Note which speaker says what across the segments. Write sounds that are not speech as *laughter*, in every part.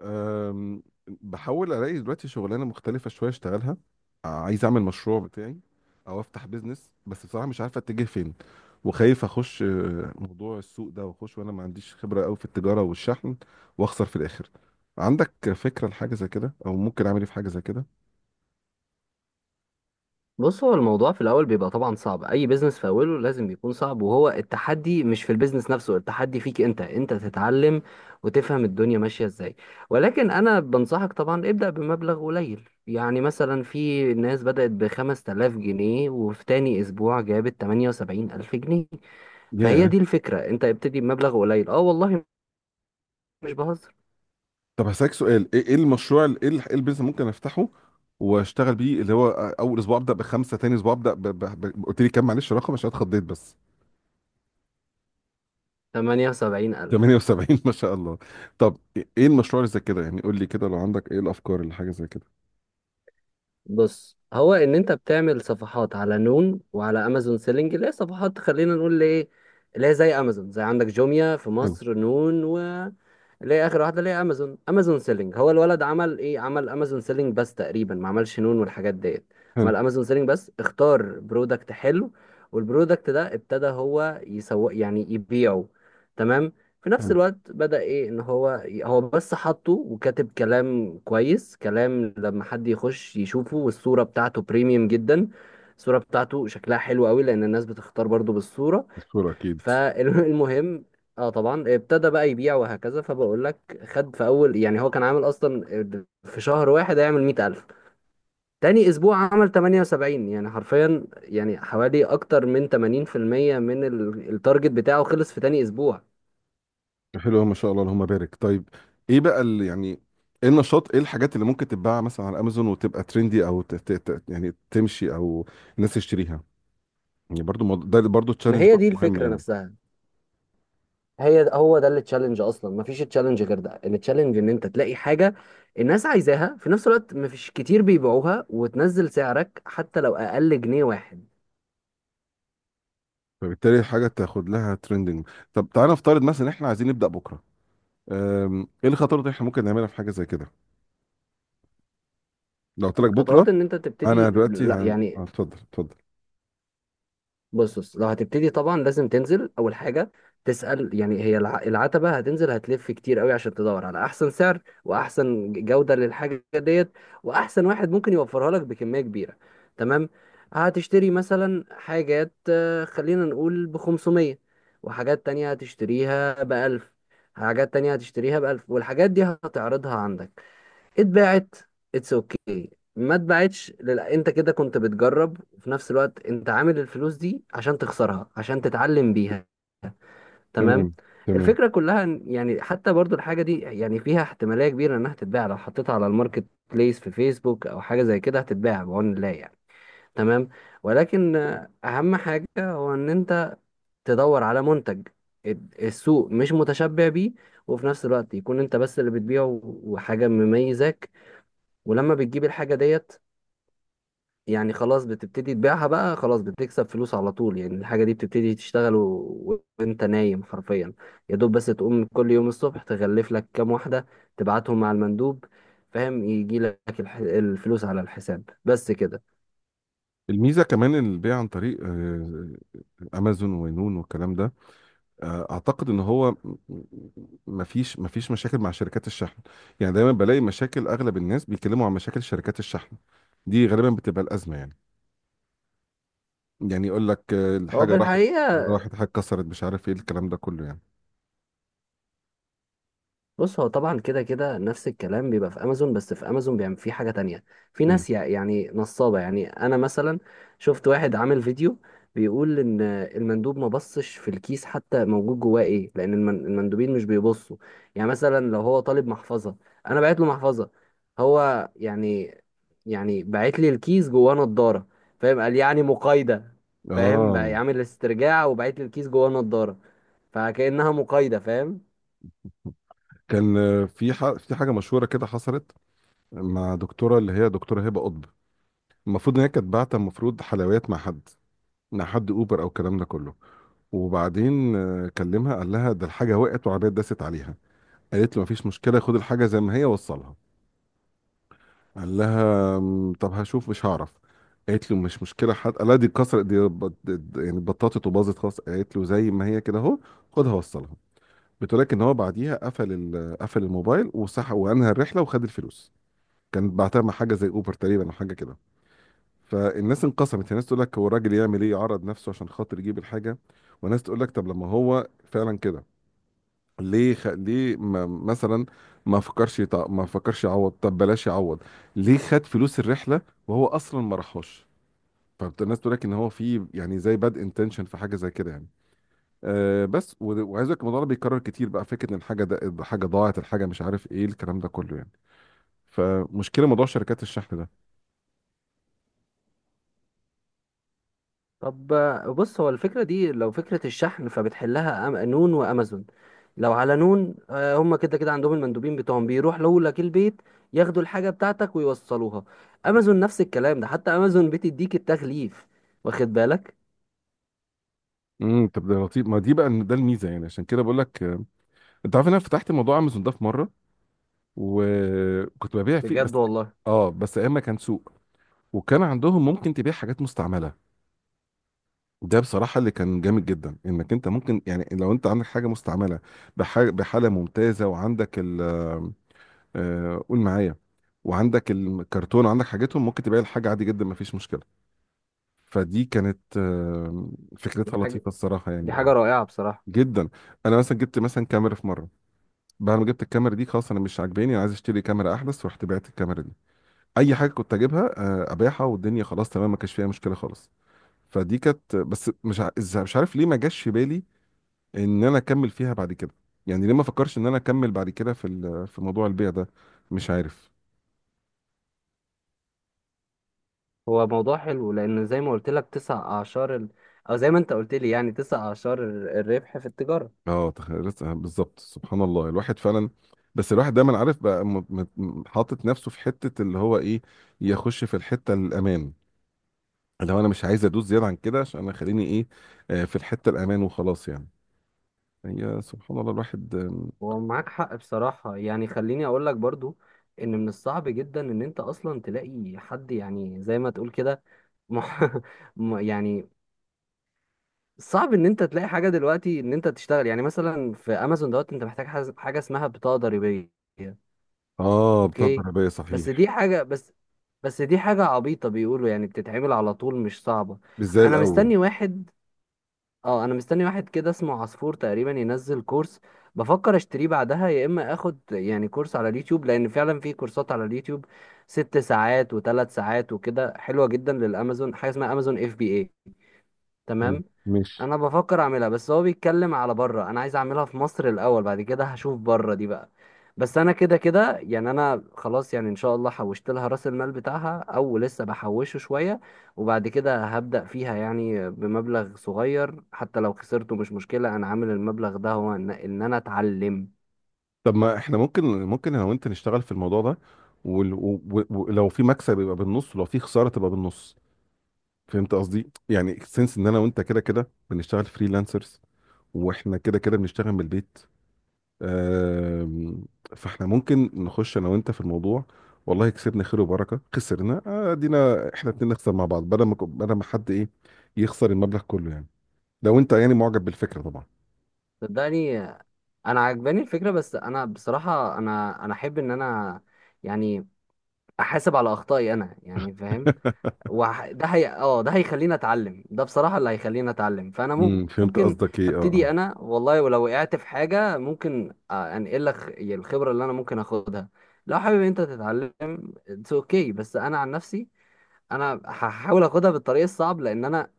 Speaker 1: بحاول الاقي دلوقتي شغلانه مختلفه شويه اشتغلها. عايز اعمل مشروع بتاعي او افتح بيزنس، بس بصراحه مش عارف اتجه فين. وخايف اخش موضوع السوق ده، واخش وانا ما عنديش خبره قوي في التجاره والشحن واخسر في الاخر. عندك فكره لحاجه زي كده، او ممكن اعمل ايه في حاجه زي كده؟
Speaker 2: بص، هو الموضوع في الاول بيبقى طبعا صعب. اي بيزنس في اوله لازم يكون صعب. وهو التحدي مش في البيزنس نفسه، التحدي فيك انت تتعلم وتفهم الدنيا ماشيه ازاي. ولكن انا بنصحك طبعا ابدا بمبلغ قليل، يعني مثلا في ناس بدات ب 5000 جنيه، وفي تاني اسبوع جابت 78000 جنيه. فهي
Speaker 1: ياه.
Speaker 2: دي الفكره، انت ابتدي بمبلغ قليل. اه والله، مش بهزر.
Speaker 1: طب هسألك سؤال، إيه المشروع ال- ايه ال- إيه البيزنس ممكن افتحه واشتغل بيه، اللي هو اول اسبوع ابدا بخمسه، تاني اسبوع ابدا قلت لي كام؟ معلش، رقم عشان اتخضيت بس.
Speaker 2: 78000.
Speaker 1: 78 ما شاء الله. طب ايه المشروع اللي زي كده، يعني قول لي كده، لو عندك، ايه الافكار اللي حاجه زي كده؟
Speaker 2: بص، هو ان انت بتعمل صفحات على نون وعلى امازون سيلينج، اللي هي صفحات، خلينا نقول ايه، اللي هي زي امازون، زي عندك جوميا في
Speaker 1: حلو.
Speaker 2: مصر. نون اللي هي اخر واحده، اللي هي امازون. امازون سيلينج، هو الولد عمل ايه؟ عمل امازون سيلينج بس، تقريبا ما عملش نون والحاجات ديت.
Speaker 1: حلو.
Speaker 2: عمل امازون سيلينج بس، اختار برودكت حلو، والبرودكت ده ابتدى هو يسوق، يعني يبيعه. تمام. في نفس
Speaker 1: حلو.
Speaker 2: الوقت بدأ ايه؟ ان هو بس حطه وكاتب كلام كويس، كلام لما حد يخش يشوفه، والصورة بتاعته بريميوم جدا. الصورة بتاعته شكلها حلو قوي، لان الناس بتختار برضو بالصورة.
Speaker 1: الصوره اكيد.
Speaker 2: فالمهم اه طبعا ابتدى بقى يبيع وهكذا. فبقول لك، خد في اول، يعني هو كان عامل اصلا في شهر واحد هيعمل 100000. تاني اسبوع عمل 78، يعني حرفيا يعني حوالي اكتر من 80% من التارجت بتاعه خلص في تاني اسبوع.
Speaker 1: حلو ما شاء الله، اللهم بارك. طيب ايه بقى اللي يعني، ايه النشاط، ايه الحاجات اللي ممكن تتباع مثلا على امازون وتبقى ترندي او يعني تمشي او الناس تشتريها؟ يعني برضو ده برضو
Speaker 2: ما
Speaker 1: تشالنج،
Speaker 2: هي
Speaker 1: برضو
Speaker 2: دي
Speaker 1: مهم
Speaker 2: الفكرة
Speaker 1: يعني.
Speaker 2: نفسها، هي هو ده التشالنج اصلا، ما فيش تشالنج غير ده. التشالنج ان انت تلاقي حاجة الناس عايزاها، في نفس الوقت ما فيش كتير بيبيعوها، وتنزل سعرك حتى لو اقل جنيه واحد.
Speaker 1: فبالتالي حاجه تاخد لها ترندنج. طب تعالى نفترض مثلا احنا عايزين نبدا بكره، ايه الخطوات اللي احنا ممكن نعملها في حاجه زي كده لو قلت لك بكره؟
Speaker 2: الخطوات ان انت تبتدي،
Speaker 1: انا دلوقتي
Speaker 2: لا
Speaker 1: اه،
Speaker 2: يعني،
Speaker 1: اتفضل اتفضل.
Speaker 2: بص لو هتبتدي طبعا لازم تنزل اول حاجه تسال، يعني هي العتبه هتنزل، هتلف كتير قوي عشان تدور على احسن سعر واحسن جوده للحاجه ديت، واحسن واحد ممكن يوفرها لك بكميه كبيره. تمام. هتشتري مثلا حاجات، خلينا نقول ب 500، وحاجات تانية هتشتريها ب 1000. حاجات تانية هتشتريها ب 1000، والحاجات دي هتعرضها عندك. اتباعت، اتس اوكي. ما اتباعتش انت كده كنت بتجرب، وفي نفس الوقت انت عامل الفلوس دي عشان تخسرها، عشان تتعلم بيها. تمام.
Speaker 1: تمام. تمام.
Speaker 2: الفكرة كلها، يعني حتى برضو الحاجة دي يعني فيها احتمالية كبيرة انها تتباع، لو حطيتها على الماركت بليس في فيسبوك او حاجة زي كده هتتباع بعون الله يعني. تمام. ولكن اهم حاجة هو ان انت تدور على منتج السوق مش متشبع بيه، وفي نفس الوقت يكون انت بس اللي بتبيعه، وحاجة مميزاك. ولما بتجيب الحاجة ديت، يعني خلاص بتبتدي تبيعها بقى، خلاص بتكسب فلوس على طول. يعني الحاجة دي بتبتدي تشتغل وانت نايم حرفيا، يا دوب بس تقوم كل يوم الصبح تغلف لك كام واحدة، تبعتهم مع المندوب، فاهم، يجي لك الفلوس على الحساب، بس كده.
Speaker 1: الميزه كمان البيع عن طريق امازون وينون والكلام ده، اعتقد ان هو مفيش مشاكل مع شركات الشحن. يعني دايما بلاقي مشاكل، اغلب الناس بيتكلموا عن مشاكل شركات الشحن، دي غالبا بتبقى الازمه يعني. يعني يقول لك
Speaker 2: هو في
Speaker 1: الحاجه راحت
Speaker 2: الحقيقة،
Speaker 1: راحت حاجه كسرت، مش عارف ايه الكلام ده كله يعني.
Speaker 2: بص، هو طبعا كده كده نفس الكلام بيبقى في امازون، بس في امازون بيعمل فيه حاجه تانية. في
Speaker 1: ايه.
Speaker 2: ناس يعني نصابه. يعني انا مثلا شفت واحد عامل فيديو بيقول ان المندوب ما بصش في الكيس حتى موجود جواه ايه، لان المندوبين مش بيبصوا. يعني مثلا لو هو طالب محفظه، انا بعت له محفظه، هو يعني، يعني بعت لي الكيس جواه نضاره، فاهم، قال يعني مقايده، فاهم، بقى
Speaker 1: اه.
Speaker 2: يعمل استرجاع وبعت لي الكيس جواه نضاره، فكانها مقايده، فاهم.
Speaker 1: كان في في حاجه مشهوره كده حصلت مع دكتوره، اللي هي دكتوره هبه قطب. المفروض ان هي كانت باعته المفروض حلويات مع حد مع حد اوبر او الكلام ده كله. وبعدين كلمها قال لها ده الحاجه وقعت وعربيه داست عليها. قالت له مفيش مشكله، خد الحاجه زي ما هي وصلها. قال لها طب هشوف، مش هعرف". قالت له مش مشكله. حد قال لها دي اتكسرت، دي يعني اتبططت وباظت خلاص. قالت له زي ما هي كده اهو، خدها وصلها. بتقولك ان هو بعديها قفل قفل الموبايل وسحب وانهى الرحله وخد الفلوس. كان بعتها مع حاجه زي اوبر تقريبا او حاجه كده. فالناس انقسمت. الناس تقول لك هو الراجل يعمل ايه، يعرض نفسه عشان خاطر يجيب الحاجه؟ وناس تقول لك طب لما هو فعلا كده، ليه ليه ما... مثلا ما فكرش ما فكرش يعوض، طب بلاش يعوض، ليه خد فلوس الرحله وهو اصلا ما راحوش؟ فالناس تقول لك ان هو في يعني زي باد انتنشن في حاجه زي كده يعني. أه بس وعايز اقول لك الموضوع ده بيتكرر كتير بقى، فكره ان الحاجه ده حاجه ضاعت، الحاجه مش عارف ايه الكلام ده كله يعني، فمشكله موضوع شركات الشحن ده.
Speaker 2: طب بص، هو الفكرة دي لو فكرة الشحن فبتحلها نون وأمازون. لو على نون هم كده كده عندهم المندوبين بتوعهم بيروح لك البيت، ياخدوا الحاجة بتاعتك ويوصلوها. أمازون نفس الكلام ده، حتى أمازون بتديك التغليف، واخد بالك.
Speaker 1: طب ده لطيف، ما دي بقى ده الميزه يعني. عشان كده بقول لك، انت عارف ان انا فتحت موضوع امازون ده في مره، وكنت ببيع فيه بس.
Speaker 2: بجد والله؟
Speaker 1: اه، بس ايام ما كان سوق، وكان عندهم ممكن تبيع حاجات مستعمله. ده بصراحه اللي كان جامد جدا، انك انت ممكن يعني لو انت عندك حاجه مستعمله بحاجة بحاله ممتازه، وعندك ال آه، قول معايا، وعندك الكرتون وعندك حاجتهم، ممكن تبيع الحاجه عادي جدا، ما فيش مشكله. فدي كانت
Speaker 2: دي
Speaker 1: فكرتها
Speaker 2: حاجة،
Speaker 1: لطيفه الصراحه
Speaker 2: دي
Speaker 1: يعني،
Speaker 2: حاجة
Speaker 1: اه،
Speaker 2: رائعة بصراحة.
Speaker 1: جدا. انا مثلا جبت مثلا كاميرا في مره، بعد ما جبت الكاميرا دي خلاص انا مش عاجباني، انا عايز اشتري كاميرا احدث، رحت بعت الكاميرا دي. اي حاجه كنت اجيبها ابيعها، والدنيا خلاص تمام ما كانش فيها مشكله خالص. فدي كانت بس مش مش عارف ليه ما جاش في بالي ان انا اكمل فيها بعد كده، يعني ليه ما فكرش ان انا اكمل بعد كده في في موضوع البيع ده؟ مش عارف.
Speaker 2: هو موضوع حلو، لأن زي ما قلت لك تسع أعشار أو زي ما أنت قلت لي، يعني تسع أعشار الربح في التجارة.
Speaker 1: اه تخيل بالظبط، سبحان الله الواحد فعلا. بس الواحد دايما عارف بقى، حاطط نفسه في حته اللي هو ايه، يخش في الحته الامان. لو انا مش عايز ادوس زياده عن كده، عشان انا خليني ايه، في الحته الامان وخلاص يعني. هي سبحان الله الواحد
Speaker 2: هو معاك حق بصراحة. يعني خليني أقول لك برضو، إن من الصعب جدا إن أنت أصلا تلاقي حد، يعني زي ما تقول كده. مح... *laughs* يعني صعب إن أنت تلاقي حاجة دلوقتي إن أنت تشتغل يعني مثلا في أمازون دوت. أنت محتاج حاجة اسمها بطاقة ضريبية.
Speaker 1: اه بتاع
Speaker 2: أوكي.
Speaker 1: الضربيه
Speaker 2: بس
Speaker 1: صحيح.
Speaker 2: دي حاجة بس بس دي حاجة عبيطة بيقولوا، يعني بتتعمل على طول، مش صعبة.
Speaker 1: مش زي
Speaker 2: أنا
Speaker 1: الاول.
Speaker 2: مستني واحد. اه، انا مستني واحد كده اسمه عصفور تقريبا ينزل كورس، بفكر اشتريه بعدها، يا اما اخد يعني كورس على اليوتيوب، لان فعلا في كورسات على اليوتيوب ست ساعات وثلاث ساعات وكده حلوة جدا للامازون، حاجة اسمها امازون اف بي اي.
Speaker 1: حلو،
Speaker 2: تمام.
Speaker 1: ماشي.
Speaker 2: انا بفكر اعملها، بس هو بيتكلم على بره، انا عايز اعملها في مصر الاول، بعد كده هشوف بره دي بقى. بس انا كده كده يعني انا خلاص، يعني ان شاء الله حوشت لها راس المال بتاعها او لسه بحوشه شوية، وبعد كده هبدأ فيها يعني بمبلغ صغير. حتى لو خسرته مش مشكلة، انا عامل المبلغ ده هو إن انا اتعلم.
Speaker 1: طب ما احنا ممكن، انا وانت نشتغل في الموضوع ده، ولو في مكسب يبقى بالنص ولو في خساره تبقى بالنص. فهمت قصدي، يعني سنس ان انا وانت كده كده بنشتغل فريلانسرز، واحنا كده كده بنشتغل من البيت، آم، فاحنا ممكن نخش انا وانت في الموضوع. والله كسبنا خير وبركه، خسرنا ادينا احنا اتنين نخسر مع بعض، بدل ما بدل ما حد ايه، يخسر المبلغ كله يعني. لو انت يعني معجب بالفكره طبعا.
Speaker 2: صدقني، انا عجباني الفكرة، بس انا بصراحة انا احب ان انا يعني احاسب على اخطائي انا، يعني فاهم.
Speaker 1: *laughs*
Speaker 2: ده هي اه ده هيخليني اتعلم، ده بصراحة اللي هيخليني اتعلم. فانا
Speaker 1: فهمت
Speaker 2: ممكن
Speaker 1: قصدك، ايه، اه،
Speaker 2: ابتدي
Speaker 1: اه.
Speaker 2: انا والله، ولو وقعت في حاجة ممكن انقل لك الخبرة اللي انا ممكن اخدها، لو حابب انت تتعلم. اتس اوكي. بس انا عن نفسي انا هحاول اخدها بالطريق الصعب، لان انا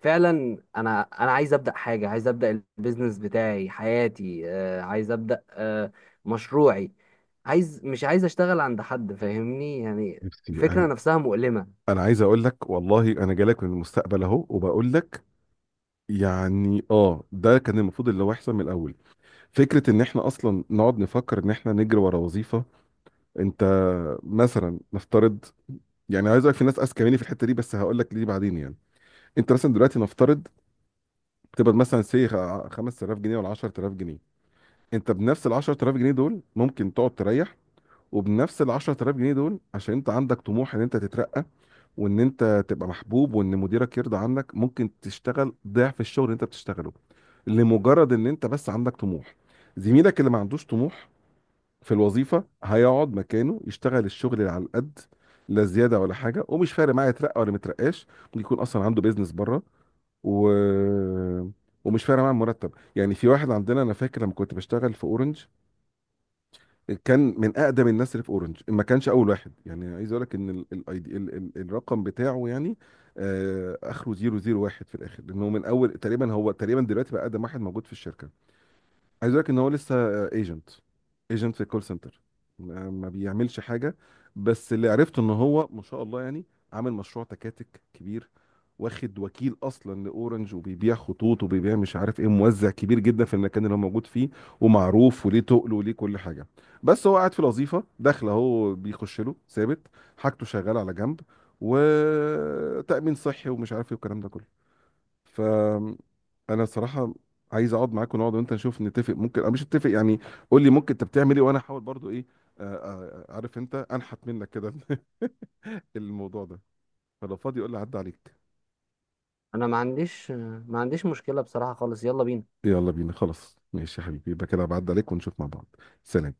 Speaker 2: فعلا انا عايز ابدا حاجه، عايز ابدا البيزنس بتاعي، حياتي، عايز ابدا مشروعي، عايز، مش عايز اشتغل عند حد، فاهمني، يعني
Speaker 1: نفسي
Speaker 2: الفكره
Speaker 1: انا،
Speaker 2: نفسها مؤلمه.
Speaker 1: انا عايز اقول لك والله انا جالك من المستقبل اهو، وبقول لك يعني اه ده كان المفروض اللي هو يحصل من الاول. فكره ان احنا اصلا نقعد نفكر ان احنا نجري ورا وظيفه، انت مثلا نفترض، يعني عايز اقولك في ناس اذكى مني في الحته دي، بس هقول لك ليه بعدين يعني. انت مثلا دلوقتي نفترض تقبض مثلا 5000 جنيه ولا 10000 جنيه. انت بنفس ال 10000 جنيه دول ممكن تقعد تريح، وبنفس ال 10000 جنيه دول عشان انت عندك طموح ان انت تترقى وان انت تبقى محبوب وان مديرك يرضى عنك، ممكن تشتغل ضعف الشغل اللي انت بتشتغله، لمجرد ان انت بس عندك طموح. زميلك اللي ما عندوش طموح في الوظيفه هيقعد مكانه يشتغل الشغل اللي على القد، لا زياده ولا حاجه، ومش فارق معاه يترقى ولا مترقاش، ممكن يكون اصلا عنده بيزنس بره و... ومش فارق معاه المرتب. يعني في واحد عندنا، انا فاكر لما كنت بشتغل في اورنج، كان من اقدم الناس اللي في اورنج، ما كانش اول واحد يعني، عايز اقول لك ان ال ال ال ال الرقم بتاعه يعني اخره 001 في الاخر، لانه من اول تقريبا، هو تقريبا دلوقتي بقى اقدم واحد موجود في الشركه. عايز اقول لك ان هو لسه ايجنت. ايجنت في الكول سنتر، ما بيعملش حاجه. بس اللي عرفته ان هو ما شاء الله يعني عامل مشروع تكاتك كبير، واخد وكيل اصلا لاورنج، وبيبيع خطوط وبيبيع مش عارف ايه، موزع كبير جدا في المكان اللي هو موجود فيه، ومعروف وليه تقل وليه كل حاجه. بس هو قاعد في الوظيفه، داخله هو بيخش له ثابت، حاجته شغاله على جنب، وتامين صحي ومش عارف ايه والكلام ده كله. ف انا صراحه عايز اقعد معاك ونقعد، وانت نشوف نتفق ممكن او مش نتفق يعني. قول لي ممكن انت بتعمل ايه، وانا احاول برضو ايه، عارف انت انحت منك كده *laughs* الموضوع ده. فلو فاضي قول لي عدى عليك.
Speaker 2: انا ما عنديش مشكلة بصراحة خالص، يلا بينا.
Speaker 1: يلا بينا خلاص، ماشي يا حبيبي، يبقى كده بعد عليك ونشوف مع بعض. سلام.